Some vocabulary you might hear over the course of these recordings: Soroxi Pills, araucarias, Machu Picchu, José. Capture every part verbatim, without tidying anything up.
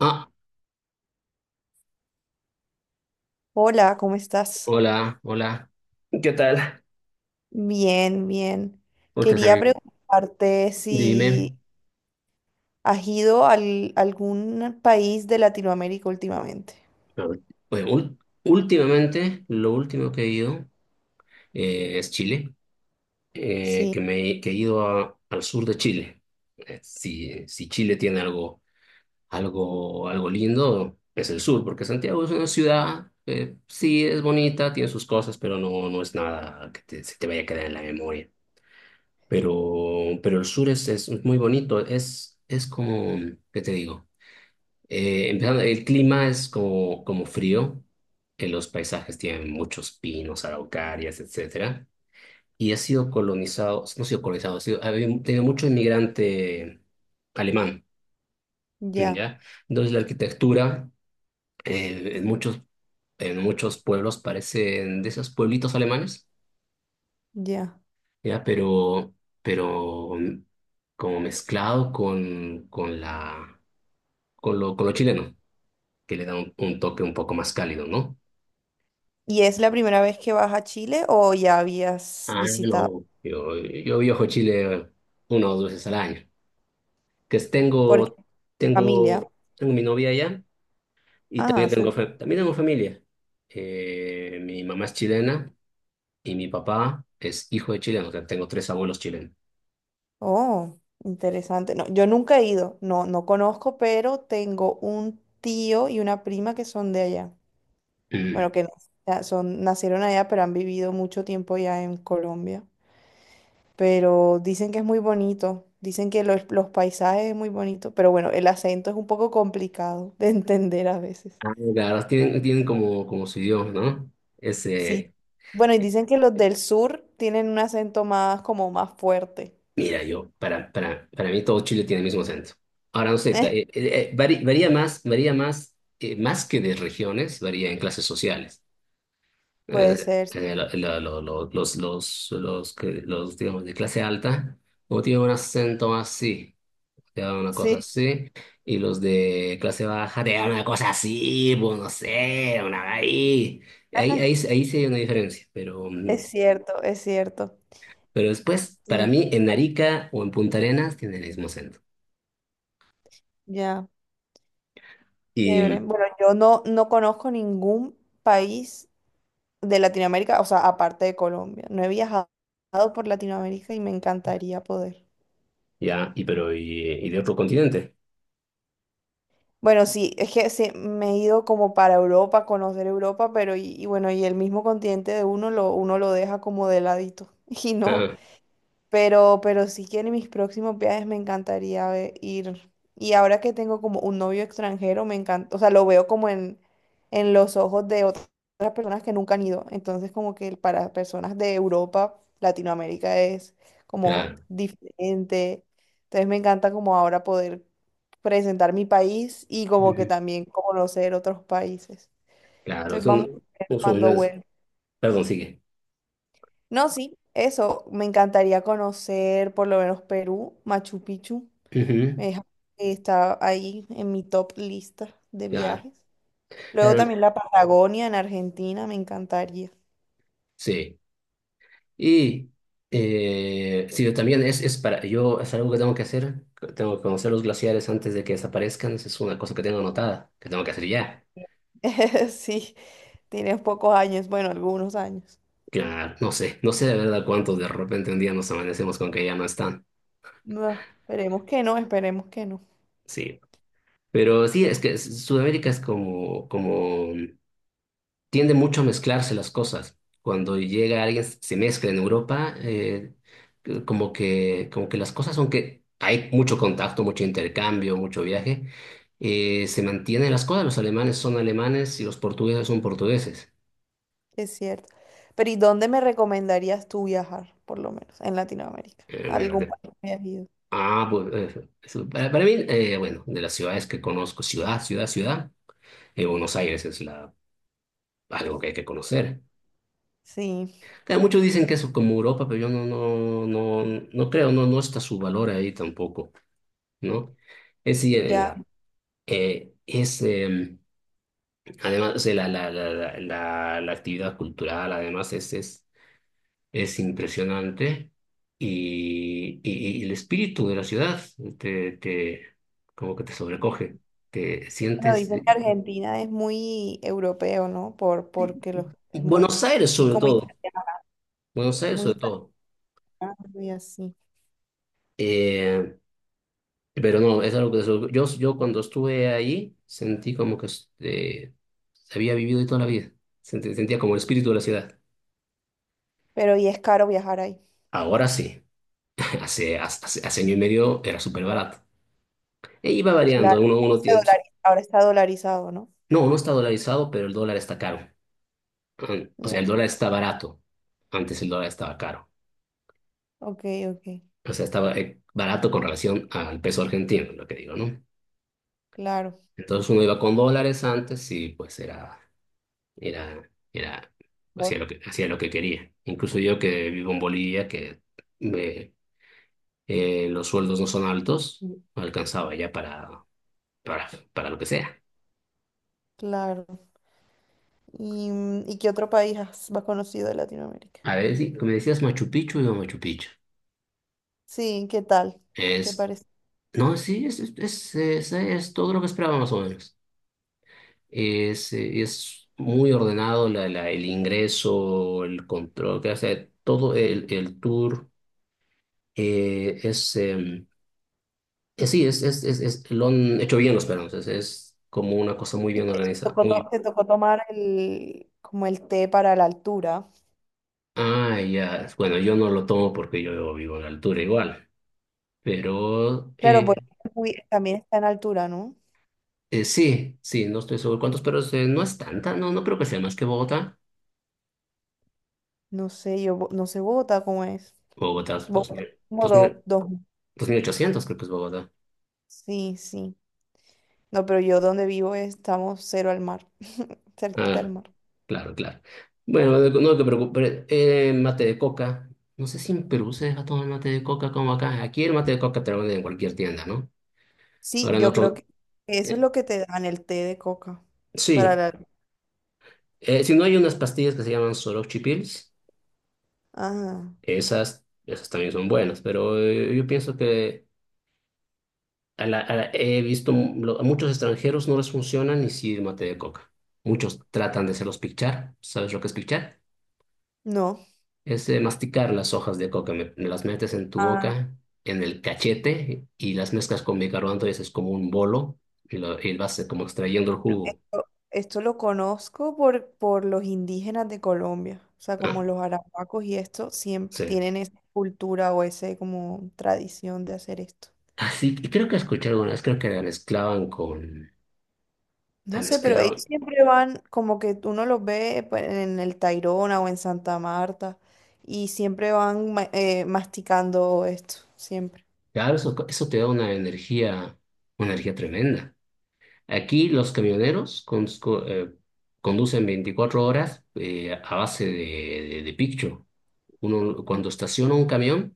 Ah, Hola, ¿cómo estás? Hola, hola. ¿Qué tal? Bien, bien. ¿Cómo estás, Quería amigo? preguntarte si Dime. has ido al- a algún país de Latinoamérica últimamente. A ver, pues ul- últimamente, lo último que he ido eh, es Chile, eh, que Sí, me que he ido a- al sur de Chile. Eh, si, si Chile tiene algo, algo, algo lindo, es el sur, porque Santiago es una ciudad, que sí, es bonita, tiene sus cosas, pero no, no es nada que te- se te vaya a quedar en la memoria. Pero, pero el sur es, es muy bonito, es, es como, ¿qué te digo? Eh, empezando, el clima es como, como frío. Eh, los paisajes tienen muchos pinos, araucarias, etcétera, y ha sido colonizado, no ha sido colonizado, ha sido, ha habido- tenido mucho inmigrante alemán. mm, ya, ¿Ya? Entonces la arquitectura eh, en muchos, en muchos pueblos parecen de esos pueblitos alemanes. ya. ¿Ya? Pero, pero mm, como mezclado con, con la, con lo, con lo chileno, que le da un, un toque un poco más cálido, ¿no? ¿Y es la primera vez que vas a Chile o ya habías Ah, visitado? No, yo, yo viajo a Chile una o dos veces al año. Que es- Porque tengo, familia. tengo, tengo mi novia allá y Ah, también tengo, súper. fa- también tengo familia. Eh, mi mamá es chilena y mi papá es hijo de chileno, o sea, tengo tres abuelos chilenos. Oh, interesante. No, yo nunca he ido. No, no conozco, pero tengo un tío y una prima que son de allá. Bueno, Mm. que no- ya son, nacieron allá, pero han vivido mucho tiempo ya en Colombia. Pero dicen que es muy bonito, dicen que los, los paisajes es muy bonito, pero bueno, el acento es un poco complicado de entender a veces. Ah, claro, tienen, tienen como, como su idioma, ¿no? Es, Sí. eh, Bueno, y dicen que los del sur tienen un acento más como más fuerte. Mira, yo, para, para, para mí todo Chile tiene el mismo acento. Ahora, no sé, Eh, ta- eh, eh, eh, vari- varía más, varía más, eh, más que de regiones, varía en clases sociales. puede Eh, ser. eh, la- la- lo- lo- los, los, los, que, los, Digamos, de clase alta, o tienen un acento más así, te dan una cosa Sí, así, y los de clase baja te dan una cosa así, pues no sé, una ahí. Ahí, ahí, ahí sí hay una diferencia, pero, es mm, cierto, es cierto. pero después, para Sí, mí, en Arica o en Punta Arenas tiene el mismo acento. ya. Chévere. Y Bueno, yo no, no conozco ningún país de Latinoamérica, o sea, aparte de Colombia. No he viajado por Latinoamérica y me encantaría poder. ya, y pero, y, y de otro continente. Bueno, sí, es que sí, me he ido como para Europa, a conocer Europa, pero y, y bueno, y el mismo continente de uno lo, uno lo deja como de ladito. Y no, Ah, pero, pero sí que en mis próximos viajes me encantaría ve- ir. Y ahora que tengo como un novio extranjero, me encanta, o sea, lo veo como en, en los ojos de otras personas que nunca han ido. Entonces, como que para personas de Europa, Latinoamérica es como claro. diferente. Entonces, me encanta como ahora poder presentar mi país y como que Ujú. también conocer otros países. Claro, Entonces, vamos a son, ver son cuando unas, vuelva. perdón, sigue. No, sí, eso, me encantaría conocer por lo menos Perú, Machu Picchu, Ujú. me deja- está ahí en mi top lista de Claro. viajes. Luego también la Patagonia en Argentina, me encantaría. Sí, y eh, sí, también es, es para, yo es algo que tengo que hacer, tengo que conocer los glaciares antes de que desaparezcan, esa es una cosa que tengo anotada, que tengo que hacer ya. Sí, tienes pocos años, bueno, algunos años. Claro, no sé, no sé de verdad cuántos. De repente un día nos amanecemos con que ya no están, No, esperemos que no, esperemos que no, sí. Pero sí, pe- es que Sudamérica es como, como tiende mucho a mezclarse las cosas. Cuando llega alguien, se mezcla en Europa, eh, como que, como que las cosas, aunque hay mucho contacto, mucho intercambio, mucho viaje, eh, se mantienen las cosas. Los alemanes son alemanes y los portugueses son portugueses. es cierto. Pero ¿y dónde me recomendarías tú viajar, por lo menos, en Latinoamérica? Eh, bueno, ¿Algún de- país que hayas ido? ah, pues, eh, eso, para, para mí, eh, bueno, de las ciudades que conozco, ciudad, ciudad, ciudad, eh, Buenos Aires es la, algo que hay que conocer. Sí, Claro, muchos dicen que es como Europa, pero yo no, no, no, no creo, no, no está su valor ahí tampoco, ¿no? Es decir, en ya. la, eh, es, em, además, o sea, la, la, la, la, la- la actividad cultural, además, es, es, es impresionante, y, y, y el espíritu de la ciudad te, te, como que te sobrecoge, te Bueno, sientes, dicen que Argentina es muy europeo, ¿no? Por, porque los, es muy, Buenos Aires muy sobre como italiano, todo, Buenos Aires muy sobre italiano todo. y así. Eh, pero no, es algo que sobre- yo, yo cuando estuve ahí sentí como que este, había vivido ahí toda la vida. Sentí- sentía como el espíritu de la ciudad. Pero y es caro viajar ahí. Ahora sí, hace, hace, hace año y medio era súper barato. E iba variando, Claro, uno, uno se tiene. dolari- ahora está dolarizado, ¿no? No, no está dolarizado, pero el dólar está caro. An- O sea, Ya, el dólar está barato. Antes el dólar estaba caro. ok, ok, O sea, estaba eh, barato con relación al peso argentino, lo que digo, ¿no? claro, Entonces uno iba con dólares antes y pues era, era, era, hacía por- lo que, hacía lo que quería. Incluso yo que vivo en Bolivia, que me- eh, los sueldos no son altos, alcanzaba ya para, para, para lo que sea. claro. ¿Y, mm, ¿y qué otro país has más conocido de Latinoamérica? A ver, sí, si me decías Machu Picchu, no Machu Picchu. Sí, ¿qué tal? ¿Te Es, parece? no, sí, es, es, es, es- es todo lo que esperaba más o menos. Es, eh, es muy ordenado la, la, el ingreso, el control, que hace todo el, el tour. Eh, es, em, eh, sí, es, es, es, es- Lo han hecho bien los peruanos. Es, es como una cosa muy ¿Y bien te organizada. tocó, to- Muy. te tocó tomar el, como el té para la altura? Ah, ya. Bueno, yo no lo tomo porque yo vivo en la altura igual. Pero Claro, porque eh, es muy- también está en altura, ¿no? Eh, sí, sí, no estoy seguro cuántos, pero es, eh, no es tanta, no, no creo que sea más que Bogotá. No sé, yo Bo- no sé Bogotá cómo es. Bogotá es dos Bogotá mil es como dos mil, dos, dos. dos mil ochocientos, creo que es Bogotá. Sí, sí. No, pero yo donde vivo estamos cero al mar, cerquita al Ah, mar. claro, claro. Bueno, de- no te preocupes. Eh, mate de coca. No sé si en Perú se deja tomar mate de coca como acá. Aquí el mate de coca te lo venden en cualquier tienda, ¿no? Sí, Ahora en yo creo que otro. eso es eh, lo que te dan el té de coca para sí, la... eh, si no hay unas pastillas que se llaman Soroxi Pills, Ah, esas, esas también son buenas, pero eh, yo pienso que a la- a la- he visto lo- a muchos extranjeros no les funciona ni sí mate de coca. Muchos tratan de hacerlos pichar. ¿Sabes lo que es pichar? no. Es eh, masticar las hojas de coca. Me, me las metes en tu Ah, boca, en el cachete y las mezclas con bicarbonato y haces como un bolo y, lo, y vas eh, como extrayendo el jugo. o- esto lo conozco por, por los indígenas de Colombia. O sea, como Ah, los arahuacos y esto, siempre sí. tienen esa cultura o ese como tradición de hacer esto. Así, y creo que escuché alguna vez, creo que la mezclaban con. La No sé, pero ellos mezclaban. siempre van como que uno los ve pues, en el Tayrona o en Santa Marta y siempre van ma- eh, masticando esto, siempre. Claro, eso, eso te da una energía, una energía tremenda. Aquí los camioneros con- co- eh, conducen veinticuatro horas eh, a base de, de, de piccho. Uno, Mm. cuando estaciona un camión,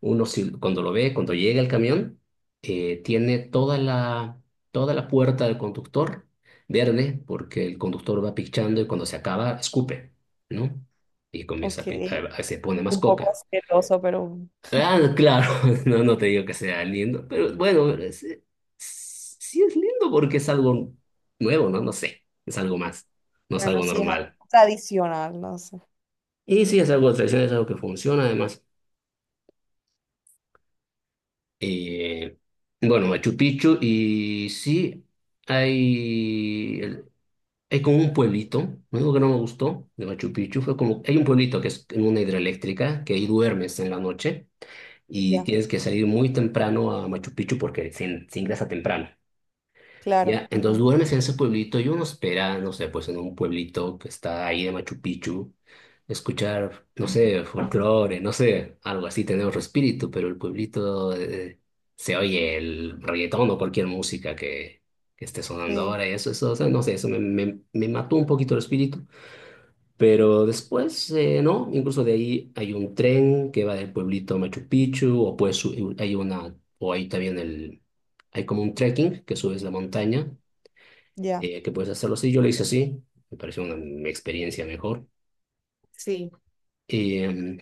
uno si- cuando lo ve, cuando llega el camión, eh, tiene toda la, toda la puerta del conductor verde, porque el conductor va picchando y cuando se acaba, escupe, ¿no? Y comienza a, Ok, pi- a- a- se pone más un poco coca. asqueroso, pero Ah, no, claro, no, no te digo que sea lindo, pero bueno, es- es- sí es lindo porque es algo nuevo, ¿no? No sé, es algo más, no es bueno, algo sí es algo normal. tradicional, no sé. Y sí, es algo tradicional, es algo que funciona además. Eh, bueno, Machu Picchu y sí, hay, el- hay como un pueblito. Lo único que no me gustó de Machu Picchu fue como, hay un pueblito que es en una hidroeléctrica, que ahí duermes en la noche y Ya, tienes que salir muy temprano a Machu Picchu porque se, se ingresa temprano. claro, Ya, entonces ok, duermes en ese pueblito y uno espera, no sé, pues en un pueblito que está ahí de Machu Picchu, escuchar, no sé, folclore, no sé, algo así, tener otro espíritu, pero el pueblito eh, se oye el reggaetón o cualquier música que, que esté sonando sí, ahora, y eso, eso, o sea, no sé, eso me, me, me mató un poquito el espíritu, pero después, eh, no, incluso de ahí hay un tren que va del pueblito a Machu Picchu o pues su- hay una. O ahí también el, hay como un trekking que subes la montaña, ya, eh, que puedes hacerlo así. Yo lo hice así, me pareció una m- experiencia mejor. sí, Eh,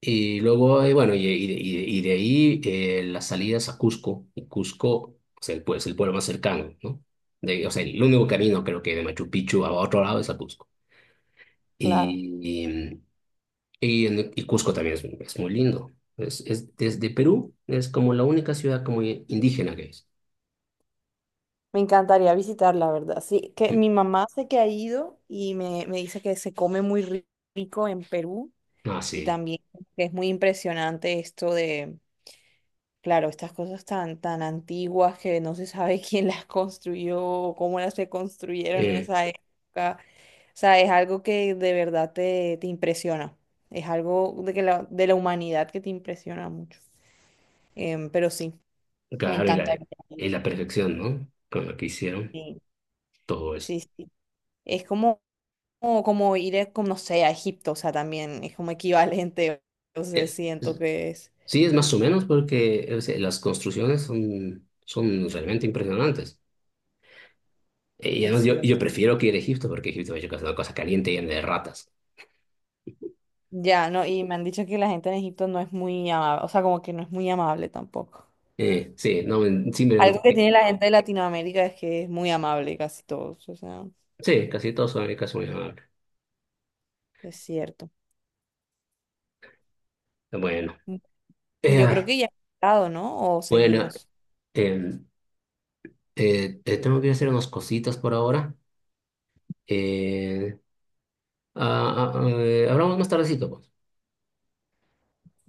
y luego, eh, bueno, y, y de y de- y de ahí eh, las salidas a Cusco, y Cusco, o sea, el, pue- es el pueblo más cercano, ¿no? De, o sea, el único camino creo que de Machu Picchu a otro lado es a Cusco. claro. Y, em, y, en- y Cusco también es, es muy lindo. Es, es desde Perú, es como la única ciudad como indígena que es. Me encantaría visitar, la verdad. Sí, que Mm. mi mamá sé que ha ido y me, me dice que se come muy ri- rico en Perú. Ah, Y Sí. también que es muy impresionante esto de, claro, estas cosas tan, tan antiguas que no se sabe quién las construyó o cómo las se construyeron en Eh, esa época. O sea, es algo que de verdad te, te impresiona. Es algo de, que la, de la humanidad que te impresiona mucho. Em, pero sí, me claro, y la, encantaría ir. y la perfección, ¿no? Con lo que hicieron Sí, todo eso. sí, sí. Es como, como como ir, a, como, no sé, a Egipto. O sea, también es como equivalente. Entonces Eh, siento que es, Sí, es más o menos porque, o sea, las construcciones son, son realmente impresionantes. Eh, Y es además yo, yo cierto. prefiero que ir a Egipto porque Egipto es una cosa caliente y llena de ratas. Ya, no, y me han dicho que la gente en Egipto no es muy amable, o sea, como que no es muy amable tampoco. Eh, sí, no, en- sí, me Algo diría que que- tiene la gente de Latinoamérica es que es muy amable casi todos, o sea, sí, casi todos son casi muy amables. es cierto. Bueno, Mm, Yo creo eh, que ya ha estado, ¿no? O bueno seguimos. eh, eh, eh, tengo que ir a hacer unas cositas por ahora. Eh, ah, ah, eh, Hablamos más tardecito, pues.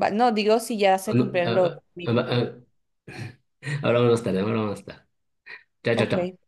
Va- No, digo si ya Ah, se No, cumplieron los ah, dos ah, minutos. ah, ah, hablamos más tarde, hablamos más tarde. Chao, chao, chao. Ok.